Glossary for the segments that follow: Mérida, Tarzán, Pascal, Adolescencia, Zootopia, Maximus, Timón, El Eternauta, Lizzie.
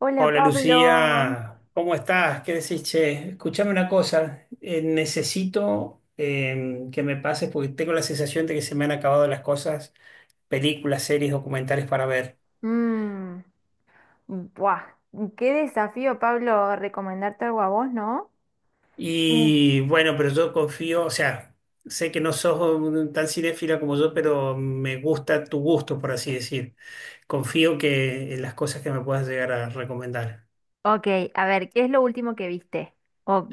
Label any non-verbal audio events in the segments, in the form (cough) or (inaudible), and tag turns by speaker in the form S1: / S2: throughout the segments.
S1: Hola
S2: Hola
S1: Pablo.
S2: Lucía, ¿cómo estás? ¿Qué decís, che? Escuchame una cosa, necesito que me pases porque tengo la sensación de que se me han acabado las cosas, películas, series, documentales para ver.
S1: Mm, buah, qué desafío, Pablo, recomendarte algo a vos, ¿no? Mm.
S2: Y bueno, pero yo confío, o sea, sé que no sos tan cinéfila como yo, pero me gusta tu gusto, por así decir. Confío que en las cosas que me puedas llegar a recomendar.
S1: Ok, a ver, ¿qué es lo último que viste? Oh,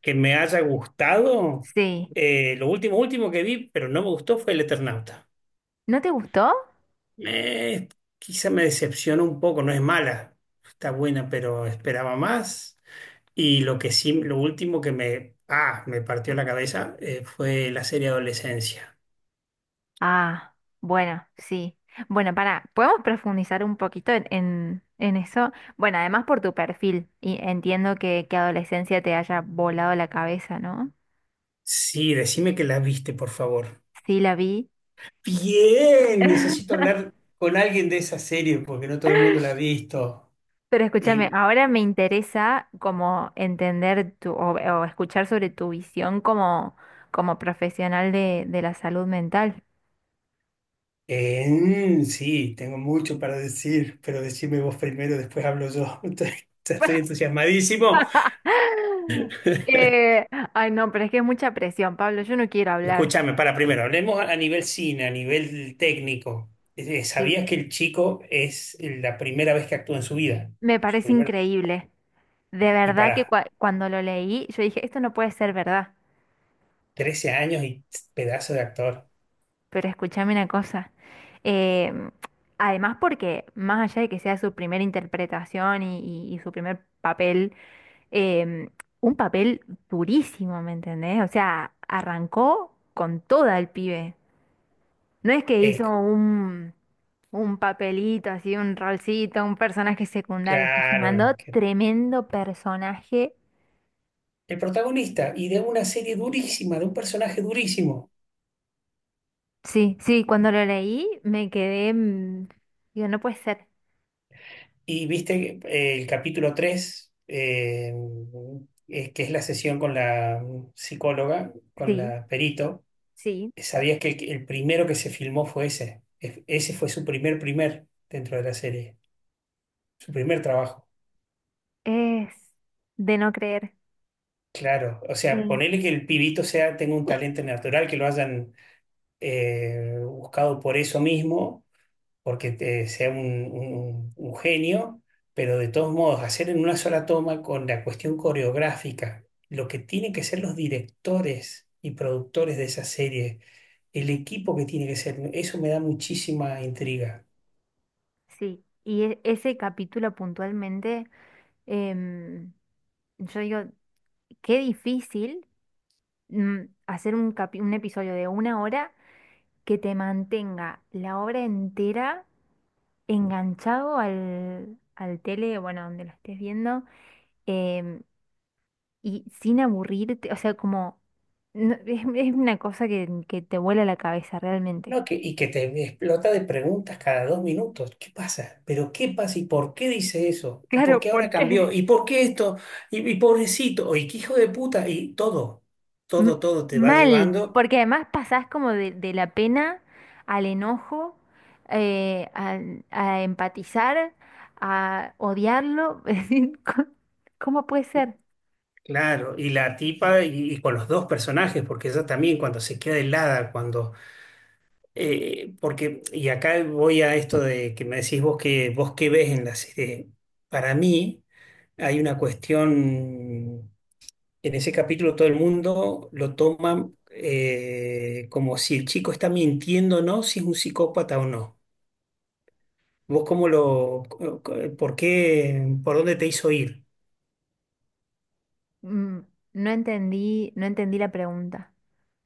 S2: Que me haya gustado,
S1: sí.
S2: lo último, último que vi, pero no me gustó fue El Eternauta.
S1: ¿No te gustó?
S2: Me, quizá me decepcionó un poco, no es mala, está buena, pero esperaba más. Y lo que sí, lo último que me partió la cabeza fue la serie Adolescencia.
S1: Ah, bueno, sí. Bueno, para, podemos profundizar un poquito en eso. Bueno, además por tu perfil, y entiendo que adolescencia te haya volado la cabeza, ¿no?
S2: Sí, decime que la viste, por favor.
S1: Sí, la vi.
S2: Bien, necesito
S1: (laughs)
S2: hablar con alguien de esa serie porque no todo el mundo la ha visto.
S1: Pero escúchame,
S2: Y
S1: ahora me interesa como entender tu, o escuchar sobre tu visión como, como profesional de la salud mental.
S2: sí, tengo mucho para decir, pero decime vos primero, después hablo yo. (laughs) Estoy entusiasmadísimo.
S1: (laughs)
S2: (laughs)
S1: Ay, no, pero es que es mucha presión, Pablo, yo no quiero hablar.
S2: Escúchame, para primero, hablemos a nivel cine, a nivel técnico. ¿Sabías
S1: Sí.
S2: que el chico es la primera vez que actúa en su vida?
S1: Me
S2: Su
S1: parece
S2: primer-
S1: increíble. De
S2: y
S1: verdad que
S2: para
S1: cuando lo leí, yo dije, esto no puede ser verdad.
S2: 13 años y pedazo de actor.
S1: Pero escúchame una cosa. em, Además, porque más allá de que sea su primera interpretación y su primer papel, em, un papel durísimo, ¿me entendés? O sea, arrancó con toda el pibe. No es que
S2: Es
S1: hizo Un papelito, así, un rolcito, un personaje secundario, que se mandó
S2: claro,
S1: tremendo personaje.
S2: el protagonista y de una serie durísima, de un personaje durísimo.
S1: Sí, sí, cuando lo leí me quedé, digo, no puede ser.
S2: Y viste el capítulo tres, que es la sesión con la psicóloga, con
S1: Sí,
S2: la perito.
S1: sí,
S2: ¿Sabías que el primero que se filmó fue ese? Ese fue su primer dentro de la serie, su primer trabajo.
S1: es de no creer.
S2: Claro, o sea,
S1: Eh,
S2: ponele que el pibito sea, tenga un talento natural, que lo hayan buscado por eso mismo, porque sea un, un genio, pero de todos modos, hacer en una sola toma con la cuestión coreográfica, lo que tienen que ser los directores y productores de esa serie, el equipo que tiene que ser, eso me da muchísima intriga.
S1: sí, y ese capítulo puntualmente, em, yo digo, qué difícil mm, hacer un, un episodio de una hora que te mantenga la obra entera enganchado al, al tele, bueno, donde lo estés viendo, em, y sin aburrirte, o sea, como no- (laughs) es una cosa que te vuela la cabeza realmente.
S2: No, que, y que te explota de preguntas cada 2 minutos. ¿Qué pasa? ¿Pero qué pasa? ¿Y por qué dice eso? ¿Y por
S1: Claro,
S2: qué ahora
S1: ¿por
S2: cambió?
S1: qué?
S2: ¿Y por qué esto? ¿Y pobrecito? ¿Y qué hijo de puta? Y todo,
S1: M-
S2: todo, todo te va
S1: Mal,
S2: llevando.
S1: porque además pasás como de la pena al enojo, eh, a, a empatizar, a odiarlo. (laughs) Es decir, co- ¿cómo puede ser?
S2: Claro, y la tipa y con los dos personajes, porque ella también cuando se queda helada, cuando... porque, y acá voy a esto de que me decís vos que vos qué ves en la serie. Para mí hay una cuestión. En ese capítulo todo el mundo lo toma como si el chico está mintiendo o no, si es un psicópata o no. ¿Vos cómo por qué, por dónde te hizo ir?
S1: Mm. No entendí, no entendí la pregunta.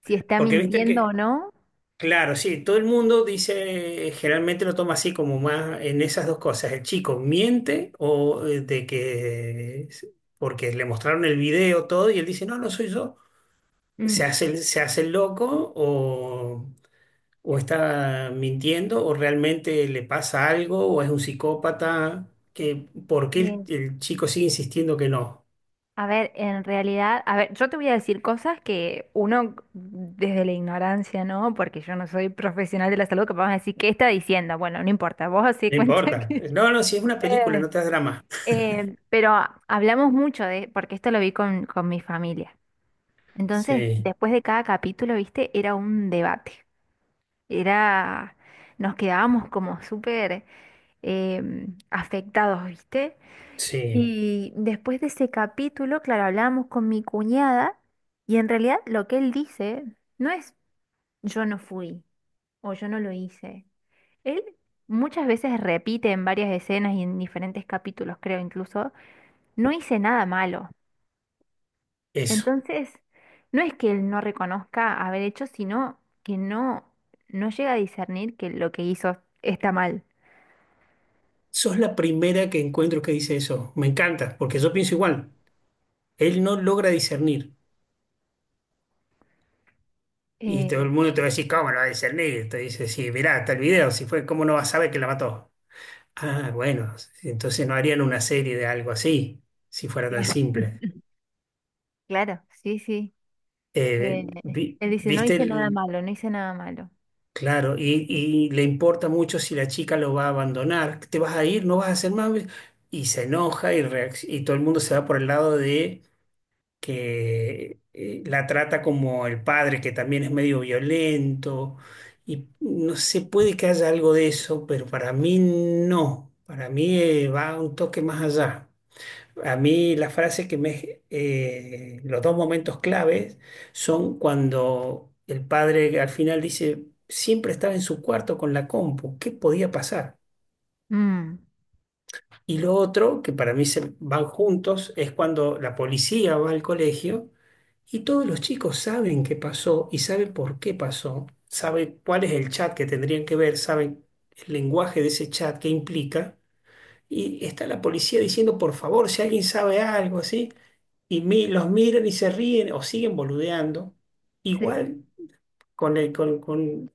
S1: Si está
S2: Porque viste
S1: mintiendo o
S2: que,
S1: no.
S2: claro, sí, todo el mundo dice, generalmente lo toma así como más en esas dos cosas. El chico miente o porque le mostraron el video todo y él dice, no, no soy yo.
S1: Mm,
S2: Se hace, se hace el loco o está mintiendo o realmente le pasa algo o es un psicópata, que ¿por qué
S1: eh,
S2: el chico sigue insistiendo que no?
S1: a ver, en realidad, a ver, yo te voy a decir cosas que uno desde la ignorancia, ¿no? Porque yo no soy profesional de la salud, que vamos a decir, ¿qué está diciendo? Bueno, no importa, vos hacé
S2: No
S1: cuenta
S2: importa.
S1: que… (laughs)
S2: No, no, si es una película,
S1: Eh,
S2: no te das drama.
S1: Pero hablamos mucho de, porque esto lo vi con mi familia. Entonces,
S2: Sí,
S1: después de cada capítulo, viste, era un debate. Era, nos quedábamos como súper afectados, viste.
S2: sí,
S1: Y después de ese capítulo, claro, hablábamos con mi cuñada y en realidad lo que él dice no es yo no fui o yo no lo hice. Él muchas veces repite en varias escenas y en diferentes capítulos, creo incluso, no hice nada malo.
S2: eso.
S1: Entonces, no es que él no reconozca haber hecho, sino que no, no llega a discernir que lo que hizo está mal.
S2: Sos la primera que encuentro que dice eso. Me encanta, porque yo pienso igual. Él no logra discernir. Y todo
S1: Eh,
S2: el mundo te va a decir, ¿cómo no va a discernir? Te dice, sí, mirá, está el video, si fue, ¿cómo no vas a saber que la mató? Ah, bueno, entonces no harían una serie de algo así, si fuera tan
S1: claro. (laughs)
S2: simple.
S1: Claro, sí, sí. eh, Él dice, no
S2: Viste,
S1: hice nada malo, no hice nada malo.
S2: claro, y le importa mucho si la chica lo va a abandonar, te vas a ir, no vas a hacer más, y se enoja y todo el mundo se va por el lado de que la trata como el padre, que también es medio violento, y no sé, puede que haya algo de eso, pero para mí no, para mí va un toque más allá. A mí las frases que me... los dos momentos claves son cuando el padre al final dice, siempre estaba en su cuarto con la compu, ¿qué podía pasar?
S1: Mm,
S2: Y lo otro, que para mí se van juntos, es cuando la policía va al colegio y todos los chicos saben qué pasó y saben por qué pasó, saben cuál es el chat que tendrían que ver, saben el lenguaje de ese chat, qué implica. Y está la policía diciendo, por favor, si alguien sabe algo, así los miran y se ríen o siguen boludeando,
S1: sí. O
S2: igual con el, con, con-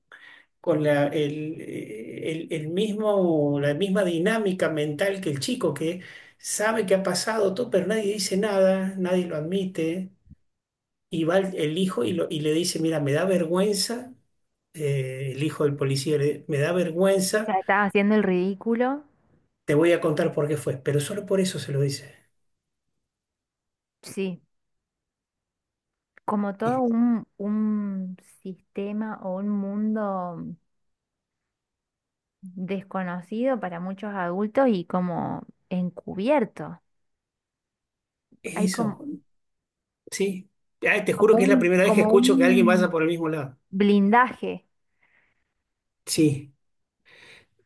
S2: con el mismo, la misma dinámica mental que el chico que sabe que ha pasado todo, pero nadie dice nada, nadie lo admite, y va el hijo y le dice, mira, me da vergüenza, el hijo del policía, me da
S1: sea,
S2: vergüenza,
S1: estaba haciendo el ridículo.
S2: te voy a contar por qué fue, pero solo por eso se lo dice.
S1: Sí. Como todo
S2: Y
S1: un sistema o un mundo desconocido para muchos adultos y como encubierto.
S2: es
S1: Hay como,
S2: eso, sí. Ay, te juro que es la primera vez que
S1: como
S2: escucho que alguien vaya
S1: un
S2: por el mismo lado.
S1: blindaje.
S2: Sí,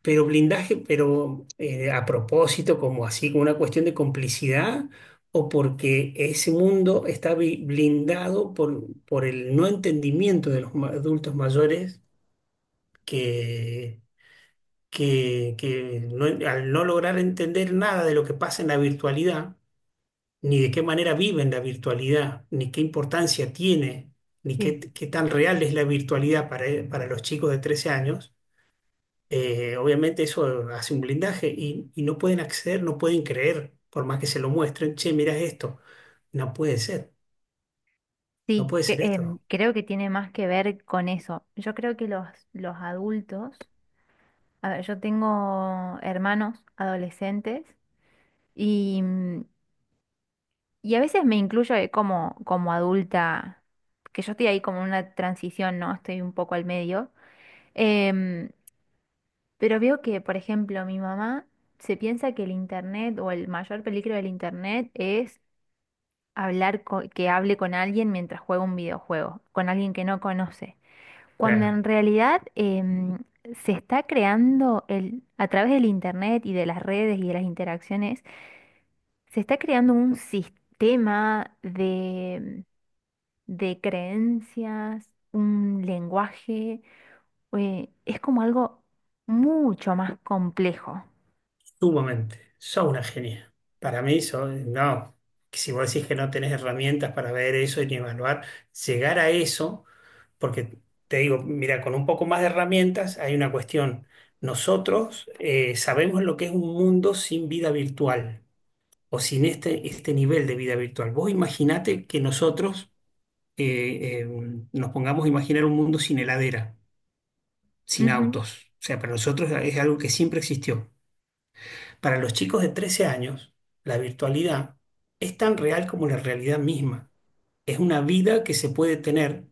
S2: pero blindaje, pero a propósito, como así, como una cuestión de complicidad, o porque ese mundo está blindado por el no entendimiento de los adultos mayores que, que al no lograr entender nada de lo que pasa en la virtualidad, ni de qué manera viven la virtualidad, ni qué importancia tiene, ni
S1: Sí.
S2: qué, qué tan real es la virtualidad para los chicos de 13 años obviamente eso hace un blindaje y no pueden acceder, no pueden creer, por más que se lo muestren, che, mirá esto, no puede ser, no
S1: Sí,
S2: puede
S1: que,
S2: ser esto.
S1: creo que tiene más que ver con eso. Yo creo que los adultos, a ver, yo tengo hermanos adolescentes y, y a veces me incluyo como, como adulta, que yo estoy ahí como en una transición, ¿no? Estoy un poco al medio. Em, pero veo que, por ejemplo, mi mamá se piensa que el internet o el mayor peligro del internet hablar que hable con alguien mientras juega un videojuego, con alguien que no conoce, cuando
S2: Claro,
S1: en realidad se está creando el, a través del internet y de las redes y de las interacciones, se está creando un sistema de creencias, un lenguaje, es como algo mucho más complejo.
S2: sumamente, sos una genia. Para mí, no, que si vos decís que no tenés herramientas para ver eso y ni evaluar, llegar a eso, porque te digo, mira, con un poco más de herramientas hay una cuestión. Nosotros sabemos lo que es un mundo sin vida virtual. O sin este nivel de vida virtual. Vos imaginate que nosotros eh, eh, nos pongamos a imaginar un mundo sin heladera, sin
S1: Ujú.
S2: autos. O sea, para nosotros es algo que siempre existió. Para los chicos de 13 años, la virtualidad es tan real como la realidad misma. Es una vida que se puede tener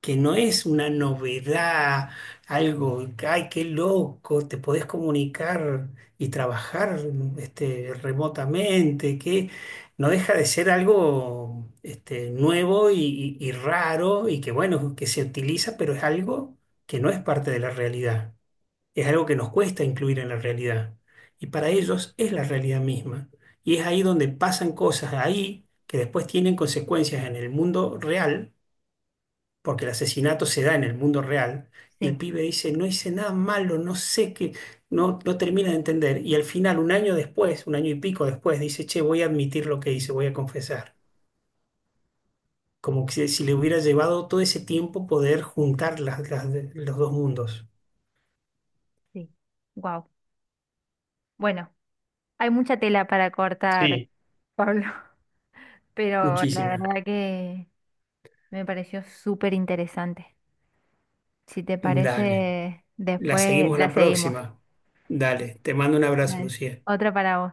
S2: que no es una novedad, algo, ay, qué loco, te podés comunicar y trabajar remotamente, que no deja de ser algo nuevo y raro y que bueno, que se utiliza, pero es algo que no es parte de la realidad, es algo que nos cuesta incluir en la realidad y para
S1: Sí,
S2: ellos es la realidad misma. Y es ahí donde pasan cosas ahí que después tienen consecuencias en el mundo real porque el asesinato se da en el mundo real, y el
S1: sí,
S2: pibe dice, no hice nada malo, no sé qué, no, no termina de entender. Y al final, un año después, un año y pico después, dice, che, voy a admitir lo que hice, voy a confesar. Como que si le hubiera llevado todo ese tiempo poder juntar los dos mundos.
S1: sí. Wow. Bueno, hay mucha tela para cortar,
S2: Sí,
S1: Pablo. Pero la
S2: muchísimas.
S1: verdad que me pareció súper interesante. Si te
S2: Dale.
S1: parece,
S2: La
S1: después
S2: seguimos
S1: la
S2: la
S1: seguimos.
S2: próxima. Dale. Te mando un abrazo,
S1: Dale.
S2: Lucía.
S1: Otra para vos.